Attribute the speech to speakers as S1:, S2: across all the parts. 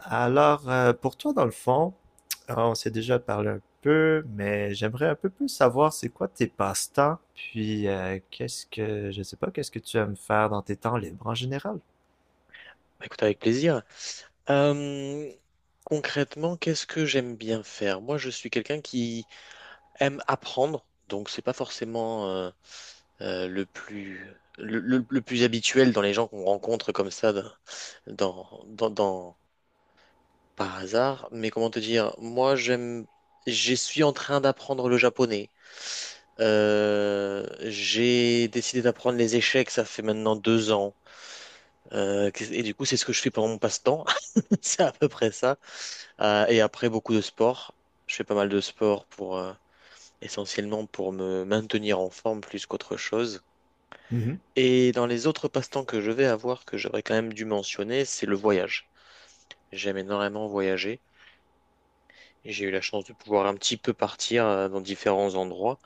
S1: Alors, pour toi, dans le fond, on s'est déjà parlé un peu, mais j'aimerais un peu plus savoir c'est quoi tes passe-temps, puis qu'est-ce que, je sais pas, qu'est-ce que tu aimes faire dans tes temps libres en général?
S2: Bah, écoute, avec plaisir. Euh, concrètement, qu'est-ce que j'aime bien faire? Moi, je suis quelqu'un qui aime apprendre, donc c'est pas forcément euh, le plus le plus habituel dans les gens qu'on rencontre comme ça dans dans, dans- par hasard, mais comment te dire, moi j'aime, je suis en train d'apprendre le japonais. J'ai décidé d'apprendre les échecs, ça fait maintenant 2 ans. Et du coup, c'est ce que je fais pendant mon passe-temps. C'est à peu près ça. Et après, beaucoup de sport. Je fais pas mal de sport pour, essentiellement pour me maintenir en forme plus qu'autre chose.
S1: Mhm.
S2: Et dans les autres passe-temps que je vais avoir, que j'aurais quand même dû mentionner, c'est le voyage. J'aime énormément voyager. Et j'ai eu la chance de pouvoir un petit peu partir dans différents endroits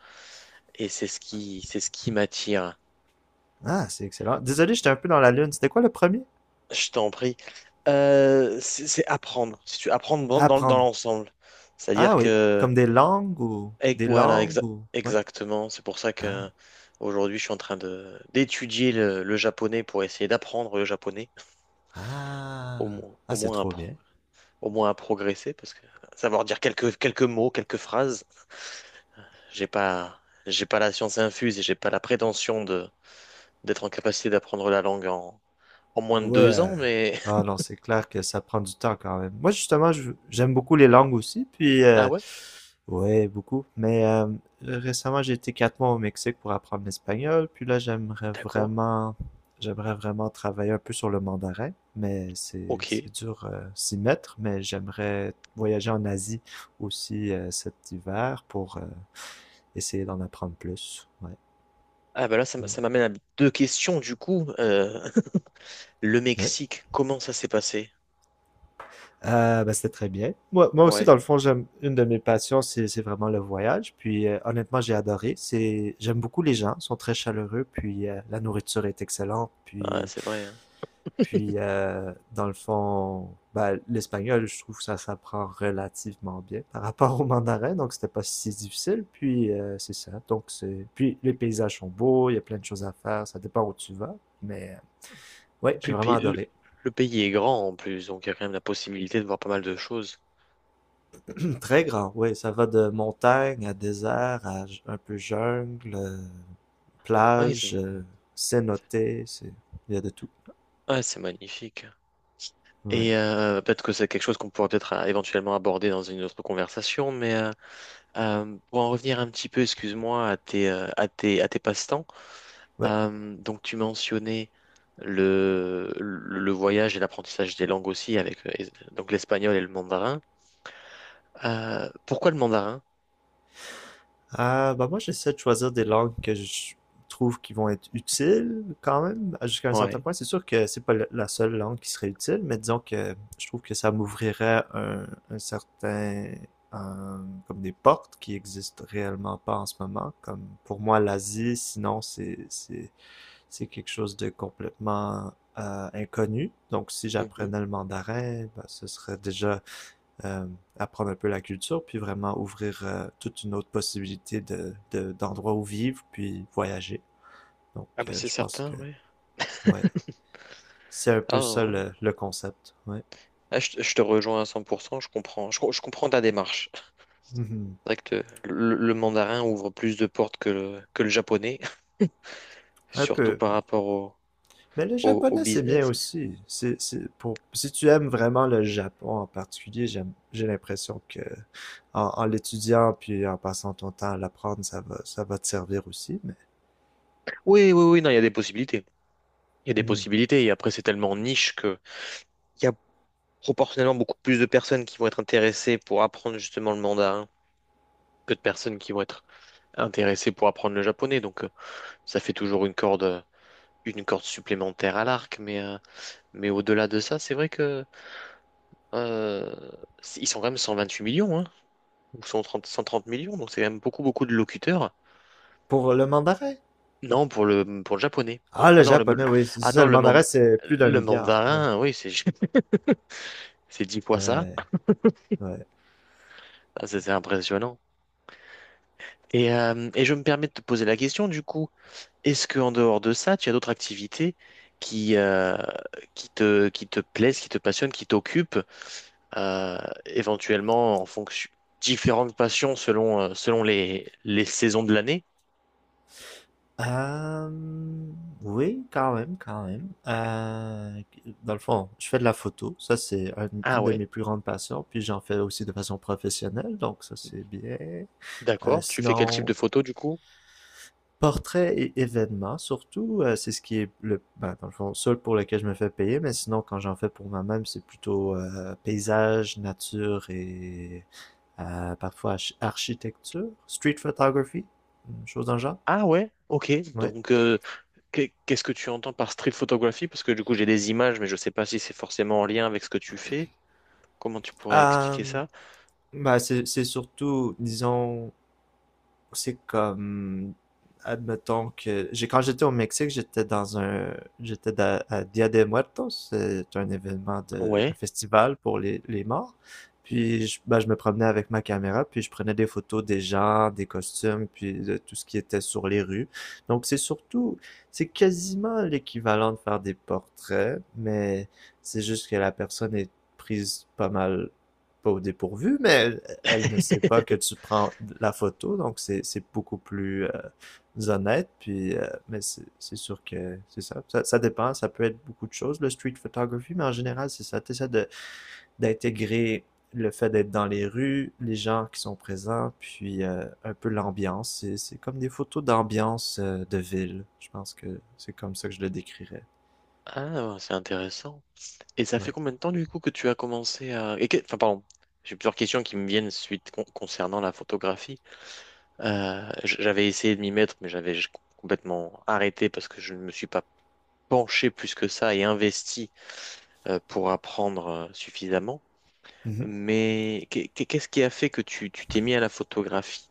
S2: et c'est ce qui m'attire.
S1: Ah, c'est excellent. Désolé, j'étais un peu dans la lune. C'était quoi le premier?
S2: Je t'en prie. C'est apprendre. Si tu apprendre dans
S1: Apprendre.
S2: l'ensemble, c'est-à-dire
S1: Ah oui,
S2: que
S1: comme des
S2: voilà
S1: langues ou ouais.
S2: exactement. C'est pour ça
S1: Ah,
S2: que aujourd'hui je suis en train de d'étudier le japonais pour essayer d'apprendre le japonais
S1: ah,
S2: au moins
S1: ah,
S2: au
S1: c'est
S2: moins à,
S1: trop
S2: pro-
S1: bien.
S2: au moins à progresser parce que savoir dire quelques mots, quelques phrases, j'ai pas j'ai pas la science infuse et j'ai pas la prétention d'être en capacité d'apprendre la langue en moins de
S1: Ouais.
S2: deux
S1: euh,
S2: ans, mais.
S1: Non, non, c'est clair que ça prend du temps quand même. Moi, justement, j'aime beaucoup les langues aussi,
S2: Ah ouais?
S1: ouais, beaucoup. Mais récemment, j'ai été 4 mois au Mexique pour apprendre l'espagnol. Puis là,
S2: D'accord.
S1: j'aimerais vraiment travailler un peu sur le mandarin. Mais c'est
S2: Ok.
S1: c'est dur s'y mettre. Mais j'aimerais voyager en Asie aussi cet hiver pour essayer d'en apprendre plus. Ouais.
S2: Ah bah là,
S1: Mm.
S2: ça m'amène à deux questions du coup. Le
S1: Ouais.
S2: Mexique, comment ça s'est passé?
S1: Ben, c'était très bien. Moi, moi aussi,
S2: Ouais,
S1: dans le fond, j'aime une de mes passions, c'est vraiment le voyage. Puis honnêtement, j'ai adoré. C'est j'aime beaucoup les gens, ils sont très chaleureux. Puis la nourriture est excellente.
S2: ah,
S1: Puis
S2: c'est vrai, hein.
S1: puis Dans le fond, ben, l'espagnol, je trouve que ça s'apprend relativement bien par rapport au mandarin. Donc c'était pas si difficile. Puis c'est ça. Donc c'est puis les paysages sont beaux, il y a plein de choses à faire. Ça dépend où tu vas. Mais ouais,
S2: Et
S1: j'ai
S2: puis le
S1: vraiment
S2: pays,
S1: adoré.
S2: le pays est grand en plus, donc il y a quand même la possibilité de voir pas mal de choses.
S1: Très grand, oui. Ça va de montagne à désert à un peu jungle,
S2: Ouais, c'est
S1: plage, cénote, c'est... Il y a de tout.
S2: ouais, c'est magnifique.
S1: Ouais.
S2: Peut-être que c'est quelque chose qu'on pourrait peut-être éventuellement aborder dans une autre conversation, mais pour en revenir un petit peu, excuse-moi, à tes passe-temps.
S1: Ouais.
S2: Donc tu mentionnais le voyage et l'apprentissage des langues aussi avec donc l'espagnol et le mandarin. Pourquoi le mandarin?
S1: Ah, bah moi, j'essaie de choisir des langues que je trouve qui vont être utiles quand même, jusqu'à un certain
S2: Ouais.
S1: point. C'est sûr que c'est pas la seule langue qui serait utile, mais disons que je trouve que ça m'ouvrirait un certain... euh, comme des portes qui existent réellement pas en ce moment. Comme pour moi, l'Asie, sinon, c'est quelque chose de complètement inconnu. Donc, si
S2: Mhm.
S1: j'apprenais le mandarin, ben, ce serait déjà euh, apprendre un peu la culture, puis vraiment ouvrir toute une autre possibilité de, d'endroits où vivre, puis voyager. Donc,
S2: Ah bah c'est
S1: je pense
S2: certain,
S1: que,
S2: ouais.
S1: ouais, c'est un
S2: Ah,
S1: peu ça
S2: non.
S1: le concept, ouais.
S2: Ah, je te rejoins à 100%, je comprends. Je comprends ta démarche. C'est
S1: Mhm.
S2: vrai que le mandarin ouvre plus de portes que que le japonais,
S1: Un
S2: surtout
S1: peu.
S2: par rapport au,
S1: Mais le
S2: au, au
S1: japonais, c'est bien
S2: business.
S1: aussi. C'est pour, si tu aimes vraiment le Japon en particulier, j'aime, j'ai l'impression que en, en l'étudiant puis en passant ton temps à l'apprendre, ça va te servir aussi. Mais
S2: Oui, oui, oui, non, il y a des possibilités. Il y a des
S1: Mhm.
S2: possibilités et après c'est tellement niche que. Il y a proportionnellement beaucoup plus de personnes qui vont être intéressées pour apprendre justement le mandarin que de personnes qui vont être intéressées pour apprendre le japonais. Donc, ça fait toujours une corde, une corde supplémentaire à l'arc. Mais au-delà de ça, c'est vrai que euh, ils sont quand même 128 millions, hein, ou 130 millions. Donc c'est quand même beaucoup, beaucoup de locuteurs.
S1: pour le mandarin,
S2: Non, pour le japonais.
S1: ah, le
S2: Ah non, le,
S1: japonais,
S2: le-
S1: oui, c'est
S2: ah
S1: ça.
S2: non,
S1: Le
S2: le, man-
S1: mandarin, c'est plus d'un
S2: le
S1: milliard. Ouais,
S2: mandarin, oui, c'est c'est 10 fois ça.
S1: ouais, ouais.
S2: Ah, c'est impressionnant. Et je me permets de te poser la question, du coup, est-ce que en dehors de ça, tu as d'autres activités qui, euh, qui te plaisent, qui te passionnent, qui t'occupent, euh, éventuellement en fonction différentes passions selon les saisons de l'année?
S1: Euh, oui, quand même, quand même. Dans le fond, je fais de la photo. Ça,
S2: Ah
S1: une de
S2: ouais,
S1: mes plus grandes passions. Puis j'en fais aussi de façon professionnelle, donc ça, c'est bien. Euh,
S2: d'accord. Tu fais quel type
S1: sinon,
S2: de photo du coup?
S1: Portraits et événements, surtout, c'est ce qui est le, ben, dans le fond, seul pour lequel je me fais payer, mais sinon, quand j'en fais pour moi-même, c'est plutôt paysage, nature et parfois architecture, street photography, une chose dans le genre.
S2: Ah ouais, ok.
S1: Ouais.
S2: Donc, qu'est-ce que tu entends par street photography? Parce que du coup, j'ai des images, mais je sais pas si c'est forcément en lien avec ce que tu fais. Comment tu pourrais expliquer
S1: Euh,
S2: ça?
S1: ben, c'est surtout, disons, c'est comme, admettons que, j'ai, quand j'étais au Mexique, j'étais dans un, à Dia de Muertos, c'est un événement de, un
S2: Ouais.
S1: festival pour les morts. Puis, je, ben, je me promenais avec ma caméra, puis je prenais des photos des gens, des costumes, puis de tout ce qui était sur les rues. Donc, c'est surtout, c'est quasiment l'équivalent de faire des portraits, mais c'est juste que la personne est prise pas mal, pas au dépourvu, mais elle ne sait pas que tu prends la photo, donc c'est beaucoup plus honnête. Puis, mais c'est sûr que c'est ça. Ça dépend, ça peut être beaucoup de choses, le street photography, mais en général, c'est ça. Tu essaies de d'intégrer le fait d'être dans les rues, les gens qui sont présents, puis un peu l'ambiance. C'est comme des photos d'ambiance de ville. Je pense que c'est comme ça que je le décrirais.
S2: Ah, c'est intéressant. Et ça fait
S1: Ouais.
S2: combien de temps du coup que tu as commencé à. Enfin, pardon, j'ai plusieurs questions qui me viennent suite concernant la photographie. J'avais essayé de m'y mettre, mais j'avais complètement arrêté parce que je ne me suis pas penché plus que ça et investi pour apprendre suffisamment.
S1: Mhm.
S2: Mais qu'est-ce qui a fait que tu t'es mis à la photographie?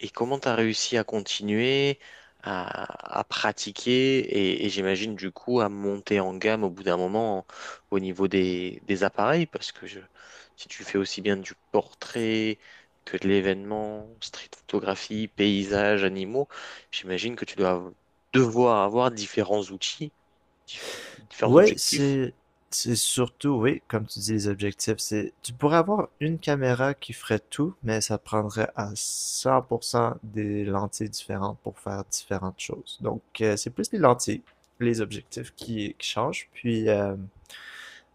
S2: Et comment tu as réussi à continuer, à pratiquer et j'imagine du coup à monter en gamme au bout d'un moment au niveau des appareils parce que si tu fais aussi bien du portrait que de l'événement, street photographie, paysages, animaux, j'imagine que tu dois devoir avoir différents outils, différents
S1: Ouais,
S2: objectifs.
S1: c'est surtout, oui, comme tu dis, les objectifs, c'est tu pourrais avoir une caméra qui ferait tout, mais ça prendrait à 100% des lentilles différentes pour faire différentes choses. Donc, c'est plus les lentilles, les objectifs qui changent. Puis, euh,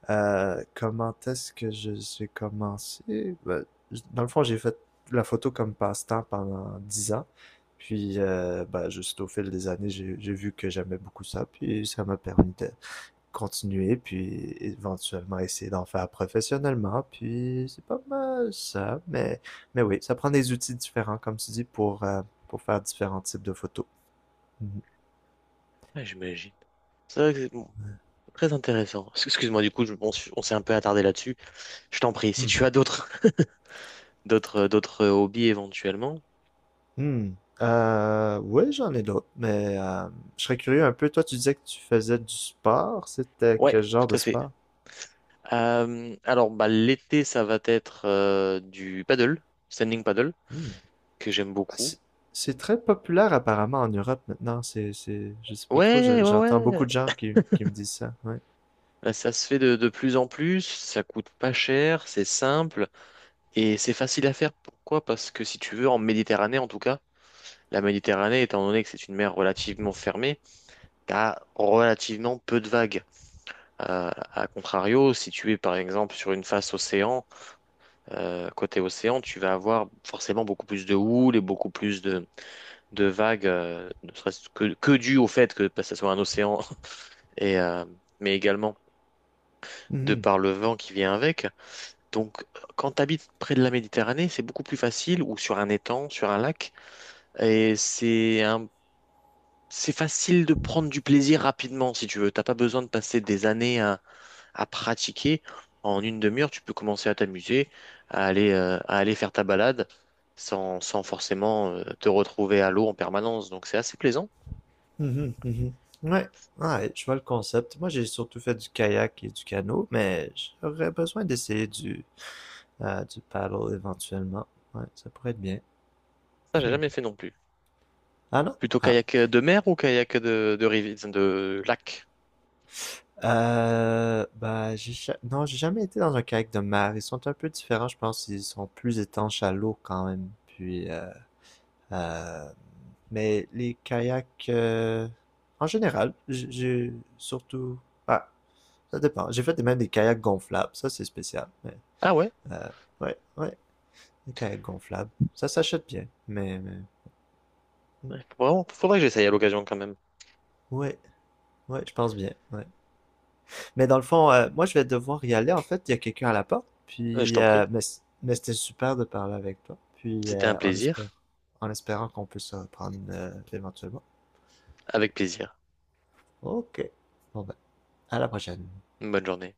S1: euh, comment est-ce que je j'ai commencé? Ben, dans le fond, j'ai fait la photo comme passe-temps pendant 10 ans. Puis, ben, juste au fil des années, j'ai vu que j'aimais beaucoup ça. Puis, ça m'a permis de continuer, puis éventuellement essayer d'en faire professionnellement, puis c'est pas mal ça, mais oui, ça prend des outils différents, comme tu dis, pour faire différents types de photos. Mhm.
S2: Ouais, j'imagine. C'est vrai que Très intéressant. Excuse-moi, du coup, on s'est un peu attardé là-dessus. Je t'en prie, si tu
S1: Mhm.
S2: as d'autres d'autres hobbies éventuellement.
S1: Mhm. Oui, j'en ai d'autres, mais je serais curieux un peu, toi tu disais que tu faisais du sport, c'était
S2: Ouais,
S1: quel genre de
S2: tout à fait.
S1: sport?
S2: Alors, bah, l'été, ça va être du paddle, standing paddle,
S1: Hmm.
S2: que j'aime
S1: Ah,
S2: beaucoup.
S1: c'est très populaire apparemment en Europe maintenant. C'est, je sais pas trop.
S2: Ouais, ouais,
S1: J'entends beaucoup
S2: ouais.
S1: de gens qui me disent ça. Ouais.
S2: Bah, ça se fait de plus en plus, ça coûte pas cher, c'est simple et c'est facile à faire. Pourquoi? Parce que si tu veux, en Méditerranée en tout cas, la Méditerranée, étant donné que c'est une mer relativement fermée, t'as relativement peu de vagues. À contrario, si tu es par exemple sur une face océan, côté océan, tu vas avoir forcément beaucoup plus de houle et beaucoup plus de vagues, ne serait-ce que dû au fait que bah, ça soit un océan, et, euh, mais également de
S1: Hmm.
S2: par le vent qui vient avec. Donc, quand tu habites près de la Méditerranée, c'est beaucoup plus facile, ou sur un étang, sur un lac, et c'est facile de prendre du plaisir rapidement, si tu veux. T'as pas besoin de passer des années à pratiquer. En une demi-heure, tu peux commencer à t'amuser, à aller faire ta balade sans forcément te retrouver à l'eau en permanence. Donc c'est assez plaisant.
S1: Mhm, mhm. Ouais, ouais, je vois le concept. Moi, j'ai surtout fait du kayak et du canot, mais j'aurais besoin d'essayer du paddle éventuellement. Ouais, ça pourrait être bien.
S2: Ça, j'ai
S1: Hmm.
S2: jamais fait non plus.
S1: Ah non?
S2: Plutôt
S1: Ah.
S2: kayak de mer ou kayak de lac?
S1: Bah, non, j'ai jamais été dans un kayak de mer. Ils sont un peu différents, je pense. Ils sont plus étanches à l'eau quand même. Puis, euh, mais les kayaks, en général, ah, ça dépend. J'ai fait même des kayaks gonflables, ça c'est spécial.
S2: Ah ouais?
S1: Euh, ouais, ouais, des kayaks gonflables. Ça s'achète bien, mais... mm,
S2: Ouais, faudrait que j'essaye à l'occasion quand même.
S1: ouais, ouais, je pense bien, ouais. Mais dans le fond, moi, je vais devoir y aller. En fait, il y a quelqu'un à la porte,
S2: Je t'en prie.
S1: mais c'était super de parler avec toi, puis
S2: C'était un
S1: en
S2: plaisir.
S1: espérant, qu'on peut se reprendre éventuellement.
S2: Avec plaisir.
S1: Ok, bon ben, à la prochaine.
S2: Bonne journée.